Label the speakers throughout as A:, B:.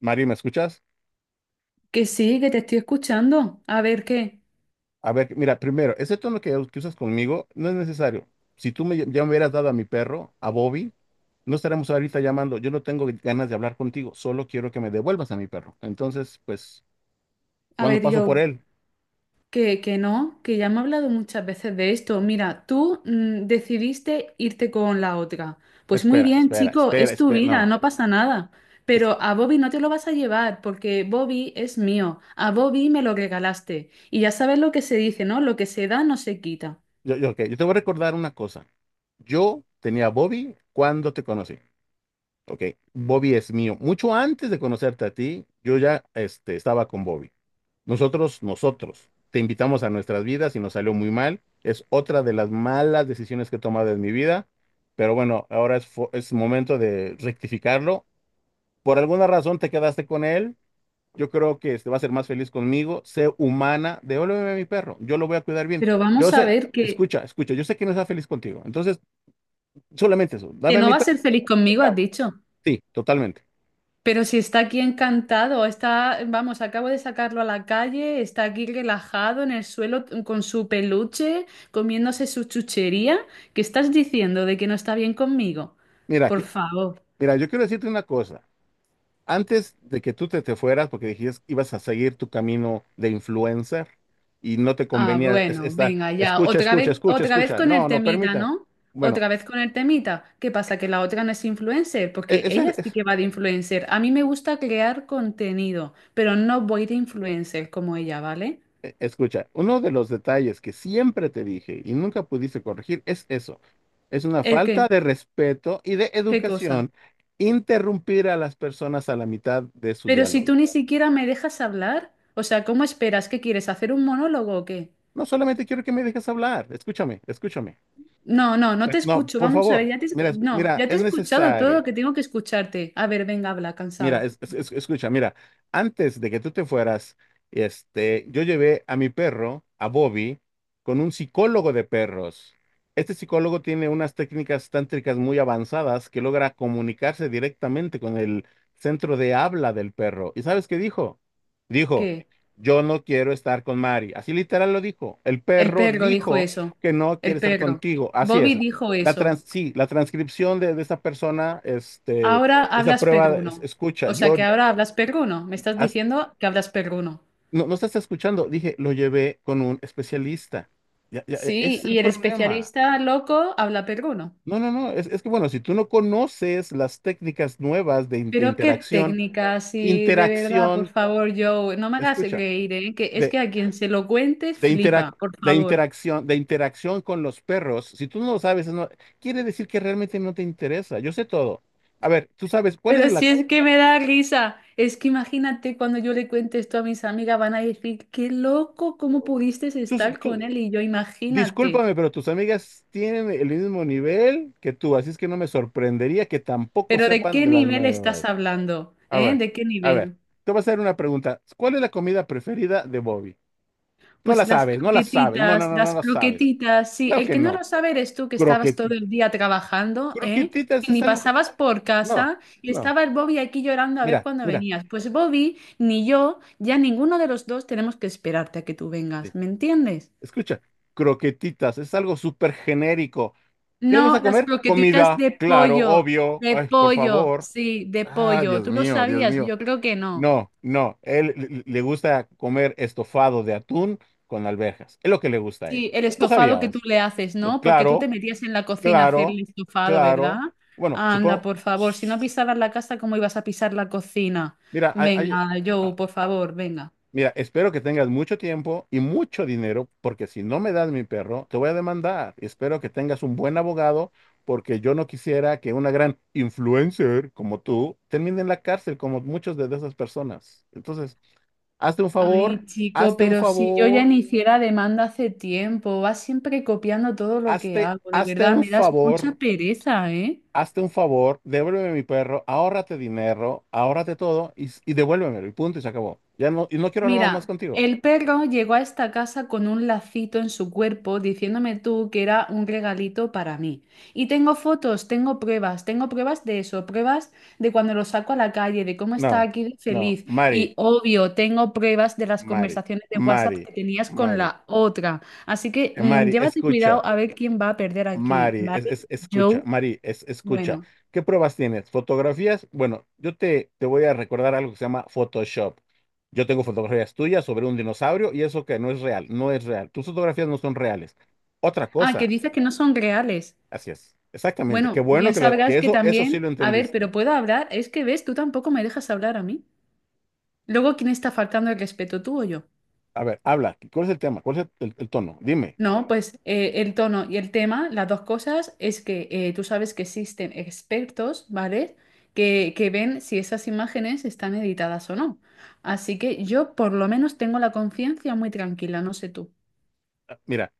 A: Mario, ¿me escuchas?
B: Que sí, que te estoy escuchando. A ver qué,
A: A ver, mira, primero, ese tono que usas conmigo no es necesario. Si tú ya me hubieras dado a mi perro, a Bobby, no estaremos ahorita llamando. Yo no tengo ganas de hablar contigo, solo quiero que me devuelvas a mi perro. Entonces, pues,
B: a
A: cuando
B: ver
A: paso
B: yo,
A: por él,
B: que no, que ya me he hablado muchas veces de esto. Mira, tú decidiste irte con la otra. Pues muy
A: espera,
B: bien,
A: espera,
B: chico,
A: espera,
B: es tu
A: espera.
B: vida,
A: No,
B: no pasa nada.
A: es-
B: Pero a Bobby no te lo vas a llevar porque Bobby es mío. A Bobby me lo regalaste. Y ya sabes lo que se dice, ¿no? Lo que se da no se quita.
A: yo, ok, yo te voy a recordar una cosa. Yo tenía a Bobby cuando te conocí. Ok, Bobby es mío. Mucho antes de conocerte a ti, yo ya estaba con Bobby. Nosotros, te invitamos a nuestras vidas y nos salió muy mal. Es otra de las malas decisiones que he tomado en mi vida, pero bueno, ahora es momento de rectificarlo. Por alguna razón te quedaste con él. Yo creo que este va a ser más feliz conmigo. Sé humana, devuélveme a mi perro. Yo lo voy a cuidar bien.
B: Pero
A: Yo
B: vamos a
A: sé,
B: ver
A: escucha, escucha, yo sé que no está feliz contigo. Entonces, solamente eso, dame
B: que
A: a
B: no
A: mi
B: va a
A: perro
B: ser
A: y
B: feliz
A: se
B: conmigo, has
A: acaba.
B: dicho.
A: Sí, totalmente.
B: Pero si está aquí encantado, está, vamos, acabo de sacarlo a la calle, está aquí relajado en el suelo con su peluche, comiéndose su chuchería. ¿Qué estás diciendo de que no está bien conmigo?
A: Mira,
B: Por
A: que-
B: favor.
A: mira, yo quiero decirte una cosa. Antes de que tú te fueras, porque dijiste ibas a seguir tu camino de influencer y no te
B: Ah,
A: convenía
B: bueno,
A: esta,
B: venga, ya.
A: escucha, escucha, escucha,
B: Otra vez
A: escucha.
B: con el
A: No, no
B: temita,
A: permita.
B: ¿no?
A: Bueno,
B: Otra vez con el temita. ¿Qué pasa? Que la otra no es influencer,
A: e-
B: porque
A: ese,
B: ella sí
A: es-
B: que va de influencer. A mí me gusta crear contenido, pero no voy de influencer como ella, ¿vale?
A: escucha, uno de los detalles que siempre te dije y nunca pudiste corregir es eso. Es una
B: ¿El
A: falta
B: qué?
A: de respeto y de
B: ¿Qué cosa?
A: educación interrumpir a las personas a la mitad de su
B: Pero si
A: diálogo.
B: tú ni siquiera me dejas hablar, o sea, ¿cómo esperas? ¿Qué quieres? ¿Hacer un monólogo o qué?
A: No solamente quiero que me dejes hablar, escúchame, escúchame.
B: No, no, no te
A: No,
B: escucho.
A: por
B: Vamos a ver,
A: favor, mira, es-
B: no,
A: mira,
B: ya te
A: es
B: he escuchado todo lo
A: necesario.
B: que tengo que escucharte. A ver, venga, habla,
A: Mira,
B: cansado.
A: escucha, mira, antes de que tú te fueras, yo llevé a mi perro, a Bobby, con un psicólogo de perros. Este psicólogo tiene unas técnicas tántricas muy avanzadas que logra comunicarse directamente con el centro de habla del perro. ¿Y sabes qué dijo? Dijo,
B: ¿Qué?
A: yo no quiero estar con Mari. Así literal lo dijo. El
B: El
A: perro
B: perro dijo
A: dijo
B: eso.
A: que no
B: El
A: quiere estar
B: perro.
A: contigo. Así
B: Bobby
A: es.
B: dijo eso.
A: Sí, la transcripción de esa persona,
B: Ahora
A: esa
B: hablas
A: prueba,
B: perruno.
A: escucha,
B: O sea, que ahora hablas perruno. Me estás
A: has-
B: diciendo que hablas perruno.
A: no, no estás escuchando, dije, lo llevé con un especialista. Ya, ya,
B: Sí,
A: ese es el
B: y el
A: problema.
B: especialista loco habla perruno.
A: No, no, no, es que bueno, si tú no conoces las técnicas nuevas de,
B: Pero qué
A: interacción,
B: técnica, sí, de verdad, por
A: interacción,
B: favor, Joe, no me hagas
A: escucha,
B: reír, ¿eh? Que es
A: de,
B: que a quien se lo cuentes
A: de, interac-
B: flipa, por favor.
A: de interacción con los perros, si tú no lo sabes, no quiere decir que realmente no te interesa. Yo sé todo. A ver, tú sabes, ¿cuál es
B: Pero
A: la?
B: si es que me da risa, es que imagínate cuando yo le cuente esto a mis amigas, van a decir, qué loco, ¿cómo pudiste
A: Tú,
B: estar con él?
A: tú-
B: Y yo, imagínate,
A: Discúlpame, pero tus amigas tienen el mismo nivel que tú, así es que no me sorprendería que tampoco
B: pero ¿de
A: sepan
B: qué
A: de las
B: nivel estás
A: nuevas.
B: hablando?
A: A
B: ¿Eh?
A: ver,
B: ¿De qué
A: a ver,
B: nivel?
A: te voy a hacer una pregunta. ¿Cuál es la comida preferida de Bobby? No
B: Pues
A: la sabes, no la sabes, no, no, no, no
B: las
A: la sabes.
B: croquetitas, sí.
A: Claro
B: El
A: que
B: que no lo
A: no.
B: sabe eres tú que estabas todo
A: Croquetitas.
B: el día trabajando, ¿eh?
A: Croquetitas
B: Que
A: es
B: ni
A: algo.
B: pasabas por
A: No,
B: casa y
A: no.
B: estaba el Bobby aquí llorando a ver
A: Mira,
B: cuándo
A: mira,
B: venías. Pues Bobby, ni yo, ya ninguno de los dos tenemos que esperarte a que tú
A: sí,
B: vengas, ¿me entiendes?
A: escucha, croquetitas es algo súper genérico. ¿Qué le
B: No,
A: gusta
B: las
A: comer?
B: croquetitas
A: Comida, claro, obvio.
B: de
A: Ay, por
B: pollo,
A: favor.
B: sí, de
A: Ah,
B: pollo.
A: Dios
B: ¿Tú lo
A: mío, Dios
B: sabías?
A: mío.
B: Yo creo que no.
A: No, no, él le gusta comer estofado de atún con alberjas. Es lo que le gusta a él.
B: Sí, el
A: ¿No lo
B: estofado que tú
A: sabías?
B: le haces,
A: Pues
B: ¿no? Porque tú te
A: claro,
B: metías en la cocina a hacer el
A: claro,
B: estofado, ¿verdad?
A: claro. Bueno,
B: Anda,
A: supongo.
B: por favor, si no pisabas la casa, ¿cómo ibas a pisar la cocina?
A: Mira,
B: Venga, Joe,
A: a-
B: por
A: a-
B: favor, venga.
A: mira, espero que tengas mucho tiempo y mucho dinero, porque si no me das mi perro, te voy a demandar. Espero que tengas un buen abogado, porque yo no quisiera que una gran influencer como tú termine en la cárcel, como muchas de esas personas. Entonces. Hazte un favor,
B: Ay, chico,
A: hazte un
B: pero si yo ya
A: favor,
B: iniciara demanda hace tiempo, vas siempre copiando todo lo que
A: hazte,
B: hago, de verdad, me das mucha pereza, ¿eh?
A: hazte un favor, devuélveme mi perro, ahórrate dinero, ahórrate todo y devuélvemelo, y punto, y se acabó. Ya no, y no quiero hablar más, más
B: Mira,
A: contigo.
B: el perro llegó a esta casa con un lacito en su cuerpo diciéndome tú que era un regalito para mí. Y tengo fotos, tengo pruebas de eso, pruebas de cuando lo saco a la calle, de cómo está
A: No,
B: aquí de
A: no,
B: feliz. Y
A: Mari,
B: obvio, tengo pruebas de las
A: Mari,
B: conversaciones de WhatsApp
A: Mari,
B: que tenías con
A: Mari,
B: la otra. Así que
A: Mari,
B: llévate
A: escucha.
B: cuidado a ver quién va a perder aquí,
A: Mari,
B: ¿vale?
A: escucha,
B: Joe,
A: Mari, escucha.
B: bueno.
A: ¿Qué pruebas tienes? ¿Fotografías? Bueno, yo te voy a recordar algo que se llama Photoshop. Yo tengo fotografías tuyas sobre un dinosaurio y eso que no es real, no es real. Tus fotografías no son reales. Otra
B: Ah, que
A: cosa,
B: dices que no son reales.
A: así es, exactamente. Qué
B: Bueno,
A: bueno
B: bien sabrás
A: que
B: que
A: eso sí
B: también,
A: lo
B: a ver,
A: entendiste.
B: pero puedo hablar, es que ves, tú tampoco me dejas hablar a mí. Luego, ¿quién está faltando el respeto, tú o yo?
A: A ver, habla, ¿cuál es el tema? ¿Cuál es el tono? Dime.
B: No, pues el tono y el tema, las dos cosas, es que tú sabes que existen expertos, ¿vale? Que ven si esas imágenes están editadas o no. Así que yo por lo menos tengo la conciencia muy tranquila, no sé tú.
A: Ah, mira,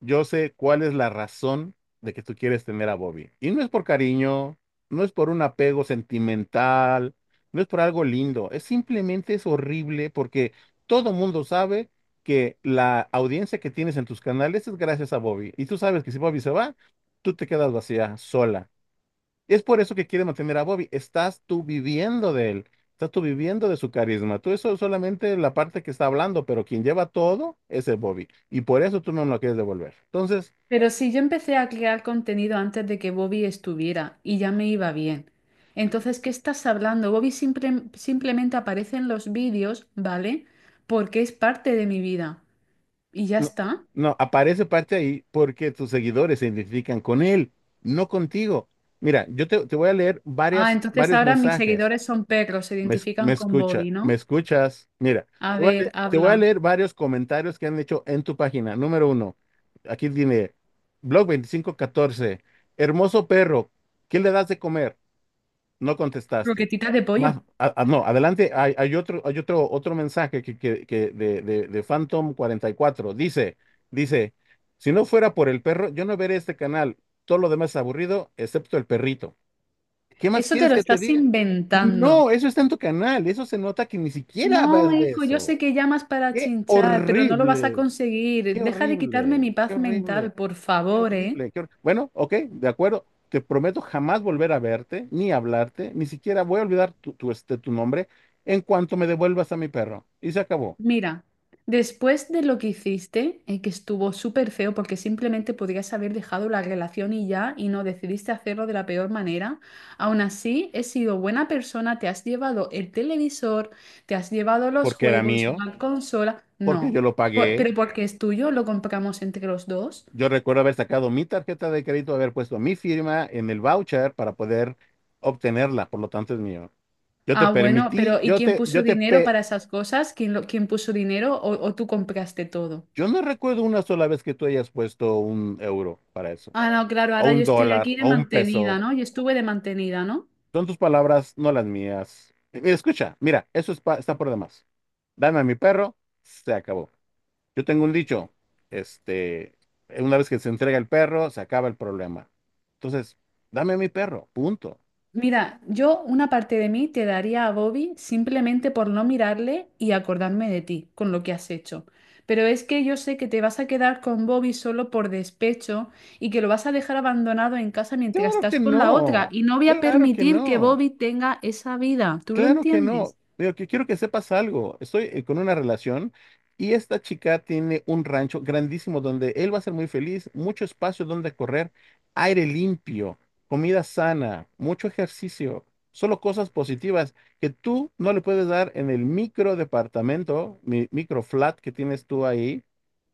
A: yo sé cuál es la razón de que tú quieres tener a Bobby. Y no es por cariño, no es por un apego sentimental, no es por algo lindo, es simplemente es horrible porque todo mundo sabe que la audiencia que tienes en tus canales es gracias a Bobby. Y tú sabes que si Bobby se va, tú te quedas vacía, sola. Es por eso que quiere mantener a Bobby. Estás tú viviendo de él. Estás tú viviendo de su carisma. Tú eso es solamente la parte que está hablando, pero quien lleva todo es el Bobby. Y por eso tú no lo quieres devolver. Entonces,
B: Pero si yo empecé a crear contenido antes de que Bobby estuviera y ya me iba bien. Entonces, ¿qué estás hablando? Bobby simplemente aparece en los vídeos, ¿vale? Porque es parte de mi vida. Y ya
A: no,
B: está.
A: no, aparece parte ahí porque tus seguidores se identifican con él, no contigo. Mira, yo te voy a leer
B: Ah,
A: varias,
B: entonces
A: varios
B: ahora mis
A: mensajes.
B: seguidores son perros, se
A: Me, es- me
B: identifican con
A: escucha,
B: Bobby,
A: me
B: ¿no?
A: escuchas. Mira,
B: A
A: te voy a leer,
B: ver,
A: te voy a
B: habla.
A: leer varios comentarios que han hecho en tu página. Número uno, aquí tiene, Blog2514. Hermoso perro, ¿qué le das de comer? No contestaste.
B: Croquetitas de pollo.
A: Más, no, adelante, otro mensaje que de Phantom44. Dice, si no fuera por el perro, yo no veré este canal. Todo lo demás es aburrido, excepto el perrito. ¿Qué más
B: Eso te
A: quieres
B: lo
A: que te
B: estás
A: diga? No,
B: inventando.
A: eso está en tu canal. Eso se nota que ni siquiera
B: No,
A: vas de
B: hijo, yo
A: eso.
B: sé que llamas para
A: Qué
B: chinchar, pero no lo vas a
A: horrible,
B: conseguir.
A: qué
B: Deja de quitarme mi
A: horrible, qué
B: paz
A: horrible,
B: mental, por
A: qué
B: favor, ¿eh?
A: horrible, bueno, ok, de acuerdo. Te prometo jamás volver a verte, ni hablarte, ni siquiera voy a olvidar tu nombre en cuanto me devuelvas a mi perro. Y se acabó.
B: Mira, después de lo que hiciste, que estuvo súper feo porque simplemente podrías haber dejado la relación y ya, y no decidiste hacerlo de la peor manera, aún así he sido buena persona, te has llevado el televisor, te has llevado los
A: Porque era
B: juegos,
A: mío,
B: la consola,
A: porque
B: no,
A: yo lo
B: Pero
A: pagué.
B: porque es tuyo, lo compramos entre los dos.
A: Yo recuerdo haber sacado mi tarjeta de crédito, haber puesto mi firma en el voucher para poder obtenerla. Por lo tanto, es mío. Yo te
B: Ah, bueno,
A: permití,
B: pero ¿y quién puso dinero para esas cosas? ¿Quién, quién puso dinero o tú compraste todo?
A: yo no recuerdo una sola vez que tú hayas puesto un euro para eso,
B: Ah, no, claro,
A: o
B: ahora yo
A: un
B: estoy
A: dólar,
B: aquí de
A: o un
B: mantenida,
A: peso.
B: ¿no? Yo estuve de mantenida, ¿no?
A: Son tus palabras, no las mías. Mira, escucha, mira, eso está por demás. Dame a mi perro, se acabó. Yo tengo un dicho, este, una vez que se entrega el perro, se acaba el problema. Entonces, dame a mi perro, punto.
B: Mira, yo una parte de mí te daría a Bobby simplemente por no mirarle y acordarme de ti, con lo que has hecho. Pero es que yo sé que te vas a quedar con Bobby solo por despecho y que lo vas a dejar abandonado en casa mientras
A: Claro
B: estás
A: que
B: con la otra.
A: no,
B: Y no voy a
A: claro que
B: permitir que
A: no.
B: Bobby tenga esa vida. ¿Tú lo
A: Claro que no.
B: entiendes?
A: Pero que quiero que sepas algo. Estoy con una relación y esta chica tiene un rancho grandísimo donde él va a ser muy feliz, mucho espacio donde correr, aire limpio, comida sana, mucho ejercicio, solo cosas positivas que tú no le puedes dar en el micro departamento, mi micro flat que tienes tú ahí,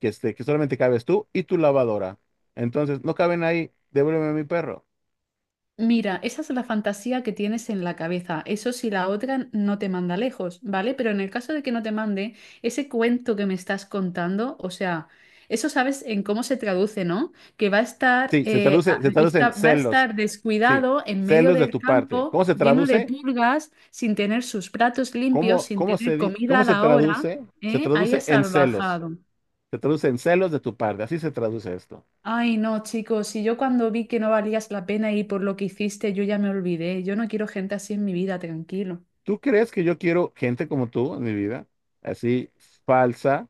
A: que solamente cabes tú y tu lavadora. Entonces, no caben ahí, devuélveme a mi perro.
B: Mira, esa es la fantasía que tienes en la cabeza. Eso si la otra no te manda lejos, ¿vale? Pero en el caso de que no te mande, ese cuento que me estás contando, o sea, eso sabes en cómo se traduce, ¿no? Que va a estar,
A: Sí, se traduce, se traduce en
B: va a
A: celos.
B: estar
A: Sí,
B: descuidado en medio
A: celos de
B: del
A: tu parte.
B: campo,
A: ¿Cómo se
B: lleno de
A: traduce?
B: pulgas, sin tener sus platos limpios,
A: ¿Cómo,
B: sin
A: cómo
B: tener
A: se, di-
B: comida
A: cómo
B: a
A: se
B: la hora,
A: traduce? Se
B: ¿eh? Ahí
A: traduce
B: has
A: en celos.
B: salvajado.
A: Se traduce en celos de tu parte. Así se traduce esto.
B: Ay, no, chicos, si yo cuando vi que no valías la pena y por lo que hiciste, yo ya me olvidé. Yo no quiero gente así en mi vida, tranquilo.
A: ¿Tú crees que yo quiero gente como tú en mi vida? Así falsa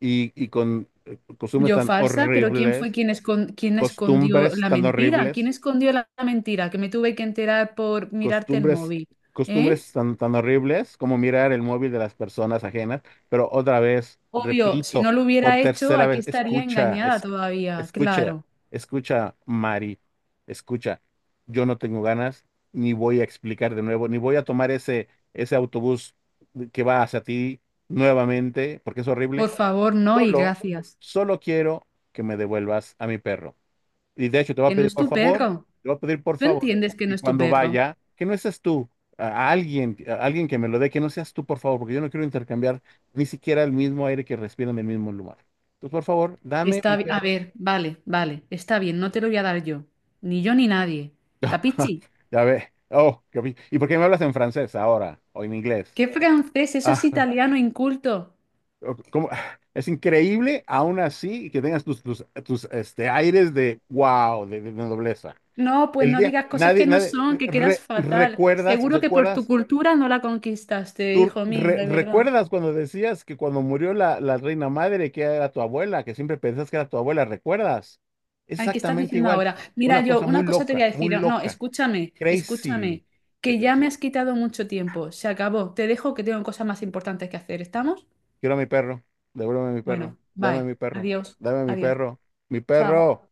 A: y con costumbres
B: Yo
A: tan
B: falsa, pero ¿quién fue
A: horribles,
B: quien, quien escondió
A: costumbres
B: la
A: tan
B: mentira? ¿Quién
A: horribles.
B: escondió la mentira? Que me tuve que enterar por mirarte el
A: costumbres,
B: móvil. ¿Eh?
A: costumbres tan horribles como mirar el móvil de las personas ajenas, pero otra vez,
B: Obvio, si
A: repito,
B: no lo
A: por
B: hubiera hecho,
A: tercera
B: aquí
A: vez,
B: estaría
A: escucha,
B: engañada todavía,
A: escucha,
B: claro.
A: escucha, Mari, escucha, yo no tengo ganas, ni voy a explicar de nuevo, ni voy a tomar ese autobús que va hacia ti nuevamente, porque es
B: Por
A: horrible,
B: favor, no y
A: solo,
B: gracias.
A: solo quiero que me devuelvas a mi perro. Y de hecho, te voy a
B: Que no
A: pedir
B: es
A: por
B: tu
A: favor,
B: perro.
A: te voy a pedir por
B: ¿Tú
A: favor que,
B: entiendes que no
A: que
B: es tu
A: cuando
B: perro?
A: vaya, que no seas tú, a alguien que me lo dé, que no seas tú, por favor, porque yo no quiero intercambiar ni siquiera el mismo aire que respiro en el mismo lugar. Entonces, por favor, dame mi
B: Está, a
A: perro.
B: ver, vale, vale, está bien, no te lo voy a dar yo ni nadie. ¿Capichi?
A: Ya ve. Oh, ¿y por qué me hablas en francés ahora o en inglés?
B: ¿Qué francés? Eso es
A: Ah,
B: italiano inculto.
A: ok, ¿cómo? Es increíble, aún así, que tengas tus aires de wow, de nobleza.
B: No, pues
A: El
B: no
A: día,
B: digas cosas
A: nadie,
B: que no son,
A: nadie,
B: que quedas
A: re-
B: fatal.
A: recuerdas,
B: Seguro que por tu
A: recuerdas
B: cultura no la conquistaste,
A: ¿tú
B: hijo mío, de verdad.
A: recuerdas cuando decías que cuando murió la reina madre, que era tu abuela, que siempre pensás que era tu abuela? ¿Recuerdas? Es
B: Ay, ¿qué estás
A: exactamente
B: diciendo
A: igual.
B: ahora? Mira,
A: Una
B: yo
A: cosa muy
B: una cosa te voy
A: loca,
B: a
A: muy
B: decir. No,
A: loca.
B: escúchame,
A: Crazy.
B: escúchame, que ya me has quitado mucho tiempo. Se acabó. Te dejo que tengo cosas más importantes que hacer. ¿Estamos?
A: Quiero a mi perro. Devuélveme a mi perro.
B: Bueno,
A: Dame a
B: bye.
A: mi perro.
B: Adiós,
A: Dame a mi
B: adiós.
A: perro. Mi
B: Chao.
A: perro.